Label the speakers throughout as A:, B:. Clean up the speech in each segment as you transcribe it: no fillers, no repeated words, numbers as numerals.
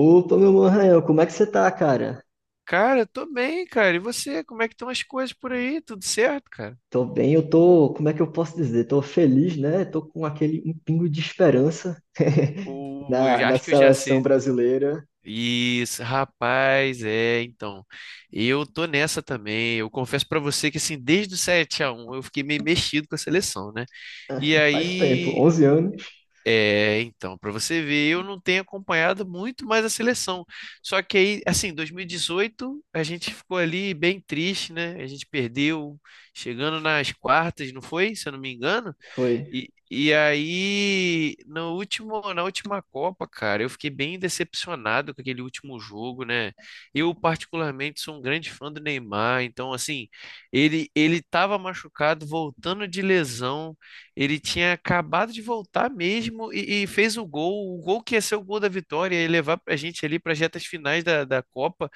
A: Opa, meu mano Rael, como é que você tá, cara?
B: Cara, eu tô bem, cara. E você? Como é que estão as coisas por aí? Tudo certo, cara?
A: Tô bem, eu tô, como é que eu posso dizer? Tô feliz, né? Tô com aquele um pingo de esperança
B: Ou
A: na, na
B: acho que eu já
A: seleção
B: sei.
A: brasileira.
B: Isso, rapaz, então. Eu tô nessa também. Eu confesso pra você que assim, desde o 7-1, eu fiquei meio mexido com a seleção, né? E
A: Faz tempo,
B: aí,
A: 11 anos
B: então, pra você ver, eu não tenho acompanhado muito mais a seleção. Só que aí, assim, 2018, a gente ficou ali bem triste, né? A gente perdeu chegando nas quartas, não foi? Se eu não me engano.
A: foi.
B: E aí, no último, na última Copa, cara, eu fiquei bem decepcionado com aquele último jogo, né? Eu, particularmente, sou um grande fã do Neymar, então, assim, ele estava machucado, voltando de lesão, ele tinha acabado de voltar mesmo e fez o gol que ia ser o gol da vitória, ia levar a gente ali para as retas finais da Copa,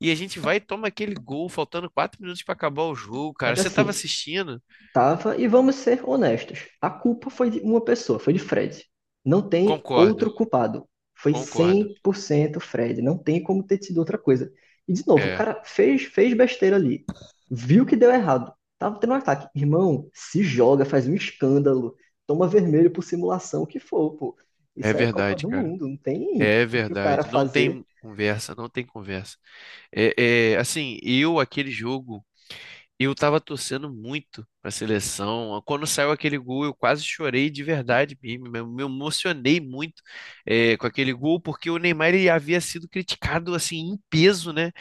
B: e a gente vai e toma aquele gol, faltando 4 minutos para acabar o jogo, cara.
A: Mas
B: Você estava
A: assim,
B: assistindo?
A: tava, e vamos ser honestos, a culpa foi de uma pessoa, foi de Fred. Não tem
B: Concordo,
A: outro culpado. Foi
B: concordo.
A: 100% Fred, não tem como ter sido outra coisa. E de novo, o
B: É.
A: cara fez besteira ali, viu que deu errado, tava tendo um ataque. Irmão, se joga, faz um escândalo, toma vermelho por simulação, o que for, pô.
B: É
A: Isso é Copa
B: verdade,
A: do
B: cara.
A: Mundo, não tem
B: É
A: o que o cara
B: verdade. Não
A: fazer.
B: tem conversa, não tem conversa. Aquele jogo. E eu tava torcendo muito pra seleção. Quando saiu aquele gol, eu quase chorei de verdade mesmo. Me emocionei muito com aquele gol, porque o Neymar ele havia sido criticado assim em peso, né?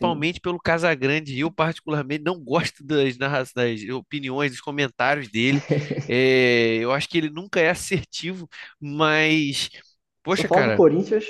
A: Sim.
B: pelo Casagrande. E eu, particularmente, não gosto das opiniões, dos comentários dele. Eu acho que ele nunca é assertivo, mas.
A: Só
B: Poxa,
A: falar do
B: cara,
A: Corinthians.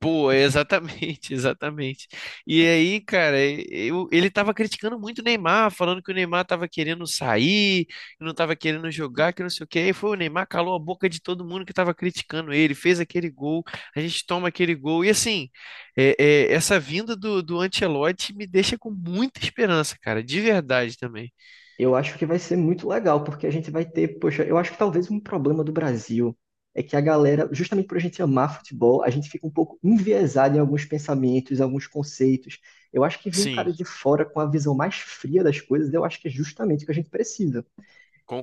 B: pô, exatamente, exatamente. E aí, cara, ele tava criticando muito o Neymar, falando que o Neymar tava querendo sair, que não tava querendo jogar, que não sei o quê. E foi o Neymar, calou a boca de todo mundo que tava criticando ele, fez aquele gol, a gente toma aquele gol. É- essa vinda do Ancelotti me deixa com muita esperança, cara, de verdade também.
A: Eu acho que vai ser muito legal, porque a gente vai ter, poxa, eu acho que talvez um problema do Brasil é que a galera, justamente por a gente amar futebol, a gente fica um pouco enviesado em alguns pensamentos, alguns conceitos. Eu acho que vir um cara
B: Sim,
A: de fora com a visão mais fria das coisas, eu acho que é justamente o que a gente precisa.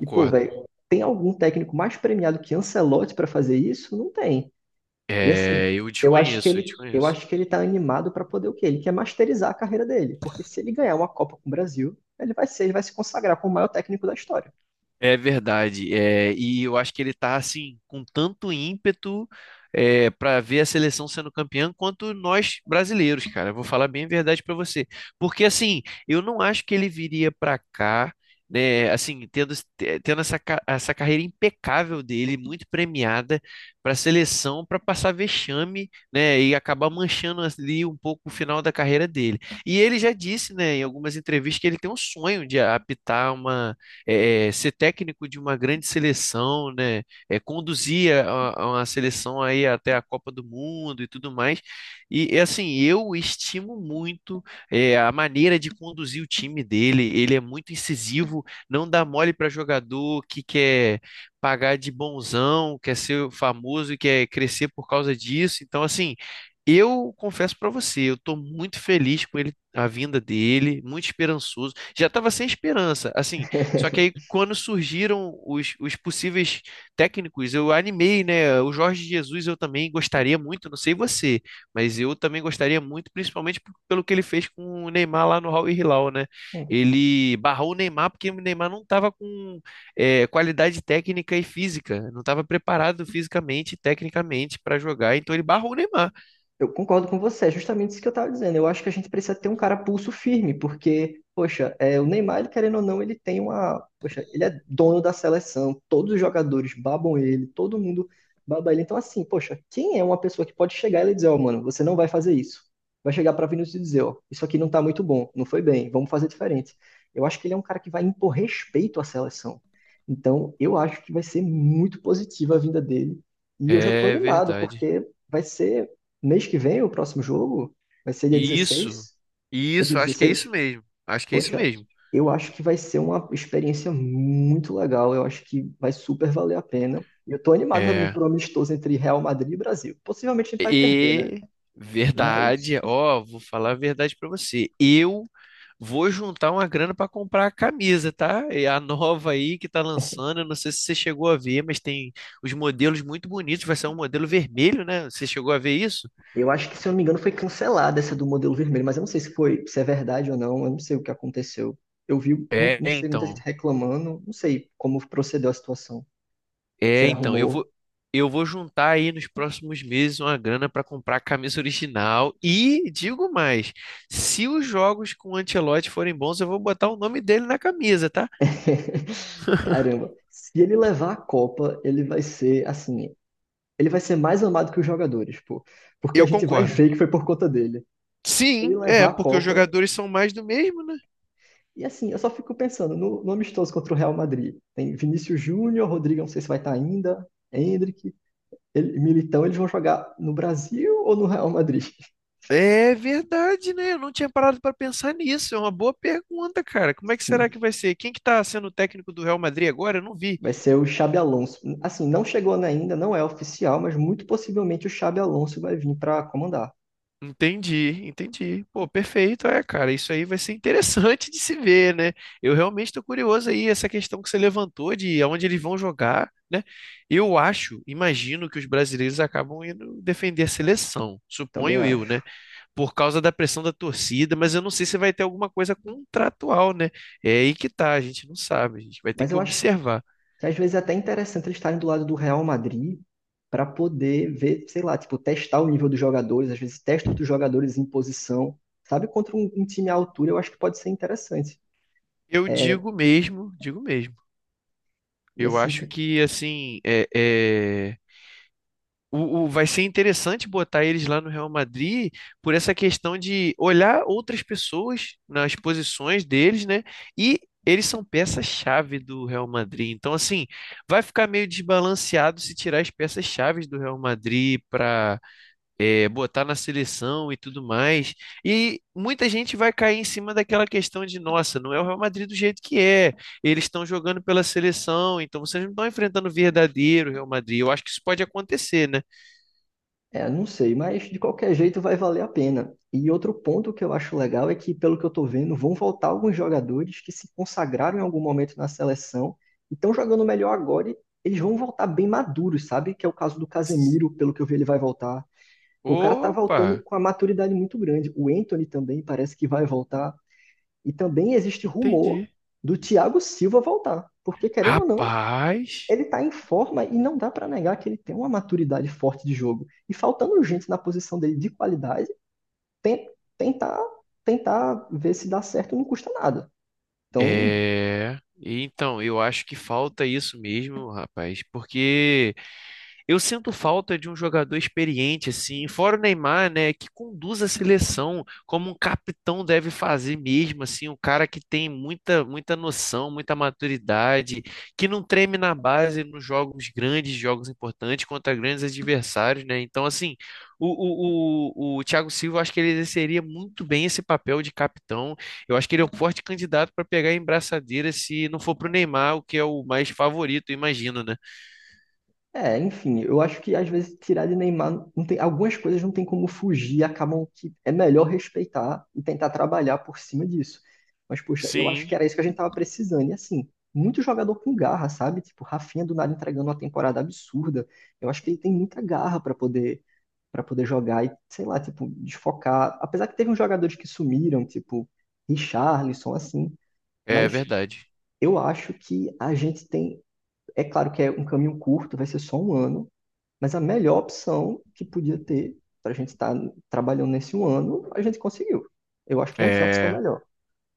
A: E, pô, velho, tem algum técnico mais premiado que Ancelotti para fazer isso? Não tem. E assim,
B: É, eu
A: eu acho que
B: desconheço, eu
A: ele, eu
B: desconheço.
A: acho que ele tá animado para poder o quê? Ele quer masterizar a carreira dele, porque se ele ganhar uma Copa com o Brasil, ele vai ser, ele vai se consagrar como o maior técnico da história.
B: É verdade, é, e eu acho que ele tá assim com tanto ímpeto para ver a seleção sendo campeã quanto nós brasileiros, cara. Eu vou falar bem a verdade para você, porque assim eu não acho que ele viria para cá, né? Assim tendo essa, essa carreira impecável dele, muito premiada para a seleção, para passar vexame, né? E acabar manchando ali um pouco o final da carreira dele. E ele já disse, né, em algumas entrevistas que ele tem um sonho de apitar uma é, é, ser técnico de uma grande seleção, né? É, conduzir a uma seleção aí até a Copa do Mundo e tudo mais. E é assim, eu estimo muito a maneira de conduzir o time dele. Ele é muito incisivo, não dá mole para jogador que quer pagar de bonzão, quer ser famoso e quer crescer por causa disso. Então, assim, eu confesso para você, eu estou muito feliz com ele, a vinda dele, muito esperançoso. Já estava sem esperança. Assim, só que aí, quando surgiram os possíveis técnicos, eu animei, né? O Jorge Jesus eu também gostaria muito, não sei você, mas eu também gostaria muito, principalmente pelo que ele fez com o Neymar lá no Al Hilal, né? Ele barrou o Neymar porque o Neymar não estava com qualidade técnica e física, não estava preparado fisicamente e tecnicamente para jogar, então ele barrou o Neymar.
A: Eu concordo com você, é justamente isso que eu estava dizendo. Eu acho que a gente precisa ter um cara pulso firme, porque, poxa, é, o Neymar, ele, querendo ou não, ele tem uma. Poxa, ele é dono da seleção, todos os jogadores babam ele, todo mundo baba ele. Então, assim, poxa, quem é uma pessoa que pode chegar e ele dizer, ó, mano, você não vai fazer isso? Vai chegar para Vinícius e dizer, ó, isso aqui não tá muito bom, não foi bem, vamos fazer diferente. Eu acho que ele é um cara que vai impor respeito à seleção. Então, eu acho que vai ser muito positiva a vinda dele. E eu já estou
B: É
A: animado,
B: verdade.
A: porque vai ser mês que vem, o próximo jogo vai ser dia
B: Isso,
A: dezesseis É dia
B: isso, acho que é
A: dezesseis
B: isso mesmo. Acho que é isso
A: Poxa,
B: mesmo.
A: eu acho que vai ser uma experiência muito legal. Eu acho que vai super valer a pena. E eu tô animado também
B: É.
A: pro amistoso entre Real Madrid e Brasil. Possivelmente a gente vai perder, né?
B: E
A: Mas
B: verdade, ó, vou falar a verdade pra você. Eu vou juntar uma grana pra comprar a camisa, tá? É a nova aí que tá lançando, eu não sei se você chegou a ver, mas tem os modelos muito bonitos, vai ser um modelo vermelho, né? Você chegou a ver isso?
A: eu acho que, se eu não me engano, foi cancelada essa do modelo vermelho. Mas eu não sei se foi, se é verdade ou não. Eu não sei o que aconteceu. Eu vi, muito,
B: É,
A: não sei, muita gente
B: então.
A: reclamando. Não sei como procedeu a situação.
B: É,
A: Será
B: então, eu
A: rumor?
B: vou eu vou juntar aí nos próximos meses uma grana pra comprar a camisa original e digo mais, se os jogos com o Ancelotti forem bons, eu vou botar o nome dele na camisa, tá?
A: Caramba, se ele levar a Copa, ele vai ser assim, ele vai ser mais amado que os jogadores, pô, porque a
B: Eu
A: gente vai
B: concordo.
A: ver que foi por conta dele. Se ele
B: Sim, é,
A: levar a
B: porque os
A: Copa,
B: jogadores são mais do mesmo, né?
A: e assim, eu só fico pensando no amistoso contra o Real Madrid. Tem Vinícius Júnior, Rodrigo, não sei se vai estar ainda, Endrick, ele, Militão, eles vão jogar no Brasil ou no Real Madrid?
B: É verdade, né? Eu não tinha parado para pensar nisso. É uma boa pergunta, cara. Como é que será
A: Sim,
B: que vai ser? Quem que tá sendo o técnico do Real Madrid agora? Eu não vi.
A: vai ser o Xabi Alonso. Assim, não chegou né, ainda, não é oficial, mas muito possivelmente o Xabi Alonso vai vir para comandar,
B: Entendi, entendi. Pô, perfeito. É, cara, isso aí vai ser interessante de se ver, né? Eu realmente tô curioso aí, essa questão que você levantou de aonde eles vão jogar, né? Eu acho, imagino que os brasileiros acabam indo defender a seleção.
A: também
B: Suponho eu,
A: acho.
B: né? Por causa da pressão da torcida, mas eu não sei se vai ter alguma coisa contratual, né? É aí que tá, a gente não sabe, a gente vai ter
A: Mas
B: que
A: eu acho
B: observar.
A: que às vezes é até interessante eles estarem do lado do Real Madrid para poder ver, sei lá, tipo, testar o nível dos jogadores, às vezes testa outros jogadores em posição, sabe? Contra um time à altura, eu acho que pode ser interessante.
B: Eu
A: É,
B: digo mesmo, digo mesmo.
A: e
B: Eu
A: assim,
B: acho que vai ser interessante botar eles lá no Real Madrid por essa questão de olhar outras pessoas nas posições deles, né? E eles são peça-chave do Real Madrid. Então, assim, vai ficar meio desbalanceado se tirar as peças-chaves do Real Madrid para botar na seleção e tudo mais. E muita gente vai cair em cima daquela questão de, nossa, não é o Real Madrid do jeito que é. Eles estão jogando pela seleção, então vocês não estão enfrentando o verdadeiro Real Madrid. Eu acho que isso pode acontecer, né?
A: é, não sei, mas de qualquer jeito vai valer a pena. E outro ponto que eu acho legal é que, pelo que eu tô vendo, vão voltar alguns jogadores que se consagraram em algum momento na seleção e estão jogando melhor agora e eles vão voltar bem maduros, sabe? Que é o caso do Casemiro, pelo que eu vi, ele vai voltar. Pô, o cara tá
B: Opa,
A: voltando com a maturidade muito grande. O Anthony também parece que vai voltar. E também existe rumor
B: entendi.
A: do Thiago Silva voltar. Porque, querendo ou não,
B: Rapaz,
A: ele tá em forma e não dá pra negar que ele tem uma maturidade forte de jogo. E faltando gente na posição dele de qualidade, ten- tentar, tentar ver se dá certo não custa nada. Então,
B: é. Então, eu acho que falta isso mesmo, rapaz, porque eu sinto falta de um jogador experiente, assim, fora o Neymar, né, que conduz a seleção como um capitão deve fazer mesmo, assim, um cara que tem muita, muita noção, muita maturidade, que não treme na base nos jogos grandes, jogos importantes contra grandes adversários, né? Então, assim, o Thiago Silva, eu acho que ele exerceria muito bem esse papel de capitão. Eu acho que ele é um forte candidato para pegar a braçadeira se não for para o Neymar, o que é o mais favorito, imagino, né?
A: é, enfim, eu acho que às vezes tirar de Neymar, não tem, algumas coisas não tem como fugir, acabam que é melhor respeitar e tentar trabalhar por cima disso. Mas, poxa, eu acho
B: Sim.
A: que era isso que a gente tava precisando. E assim, muito jogador com garra, sabe? Tipo, Rafinha do nada entregando uma temporada absurda. Eu acho que ele tem muita garra para poder jogar e, sei lá, tipo, desfocar. Apesar que teve uns jogadores que sumiram, tipo, Richarlison, assim,
B: É
A: mas
B: verdade.
A: eu acho que a gente tem. É claro que é um caminho curto, vai ser só um ano, mas a melhor opção que podia ter para a gente estar trabalhando nesse um ano, a gente conseguiu. Eu acho que não tinha opção
B: É,
A: melhor.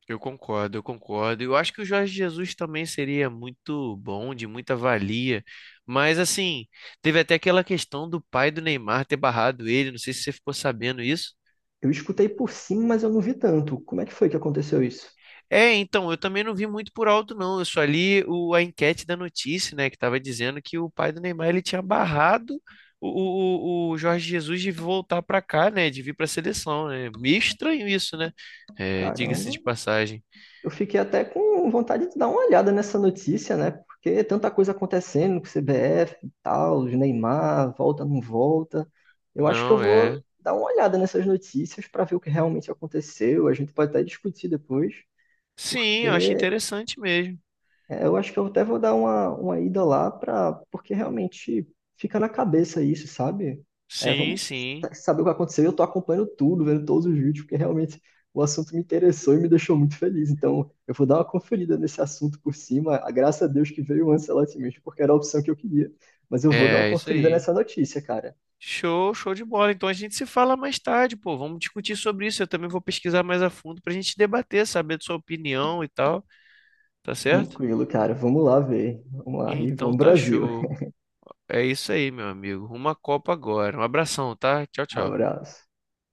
B: eu concordo, eu concordo. Eu acho que o Jorge Jesus também seria muito bom, de muita valia. Mas assim, teve até aquela questão do pai do Neymar ter barrado ele. Não sei se você ficou sabendo isso.
A: Eu escutei por cima, mas eu não vi tanto. Como é que foi que aconteceu isso?
B: É, então, eu também não vi muito por alto, não. Eu só li a enquete da notícia, né, que estava dizendo que o pai do Neymar ele tinha barrado o, o Jorge Jesus de voltar para cá, né, de vir para a seleção, né? Meio estranho isso, né? É, diga-se
A: Caramba,
B: de passagem.
A: eu fiquei até com vontade de dar uma olhada nessa notícia, né? Porque é tanta coisa acontecendo com o CBF e tal, os Neymar, volta, não volta. Eu acho que eu
B: Não
A: vou
B: é.
A: dar uma olhada nessas notícias para ver o que realmente aconteceu. A gente pode até discutir depois,
B: Sim, eu acho
A: porque
B: interessante mesmo.
A: é, eu acho que eu até vou dar uma ida lá para porque realmente fica na cabeça isso, sabe? É,
B: Sim,
A: vamos
B: sim.
A: saber o que aconteceu. Eu tô acompanhando tudo, vendo todos os vídeos, porque realmente o assunto me interessou e me deixou muito feliz. Então, eu vou dar uma conferida nesse assunto por cima. A graça a Deus que veio o Ancelotti mesmo, porque era a opção que eu queria. Mas eu vou dar uma
B: É isso
A: conferida
B: aí.
A: nessa notícia, cara.
B: Show, show de bola. Então a gente se fala mais tarde, pô. Vamos discutir sobre isso. Eu também vou pesquisar mais a fundo pra gente debater, saber da sua opinião e tal. Tá certo?
A: Tranquilo, cara. Vamos lá ver. Vamos lá e
B: Então
A: vamos
B: tá
A: Brasil.
B: show. É isso aí, meu amigo. Uma copa agora. Um abração, tá? Tchau, tchau.
A: Abraço.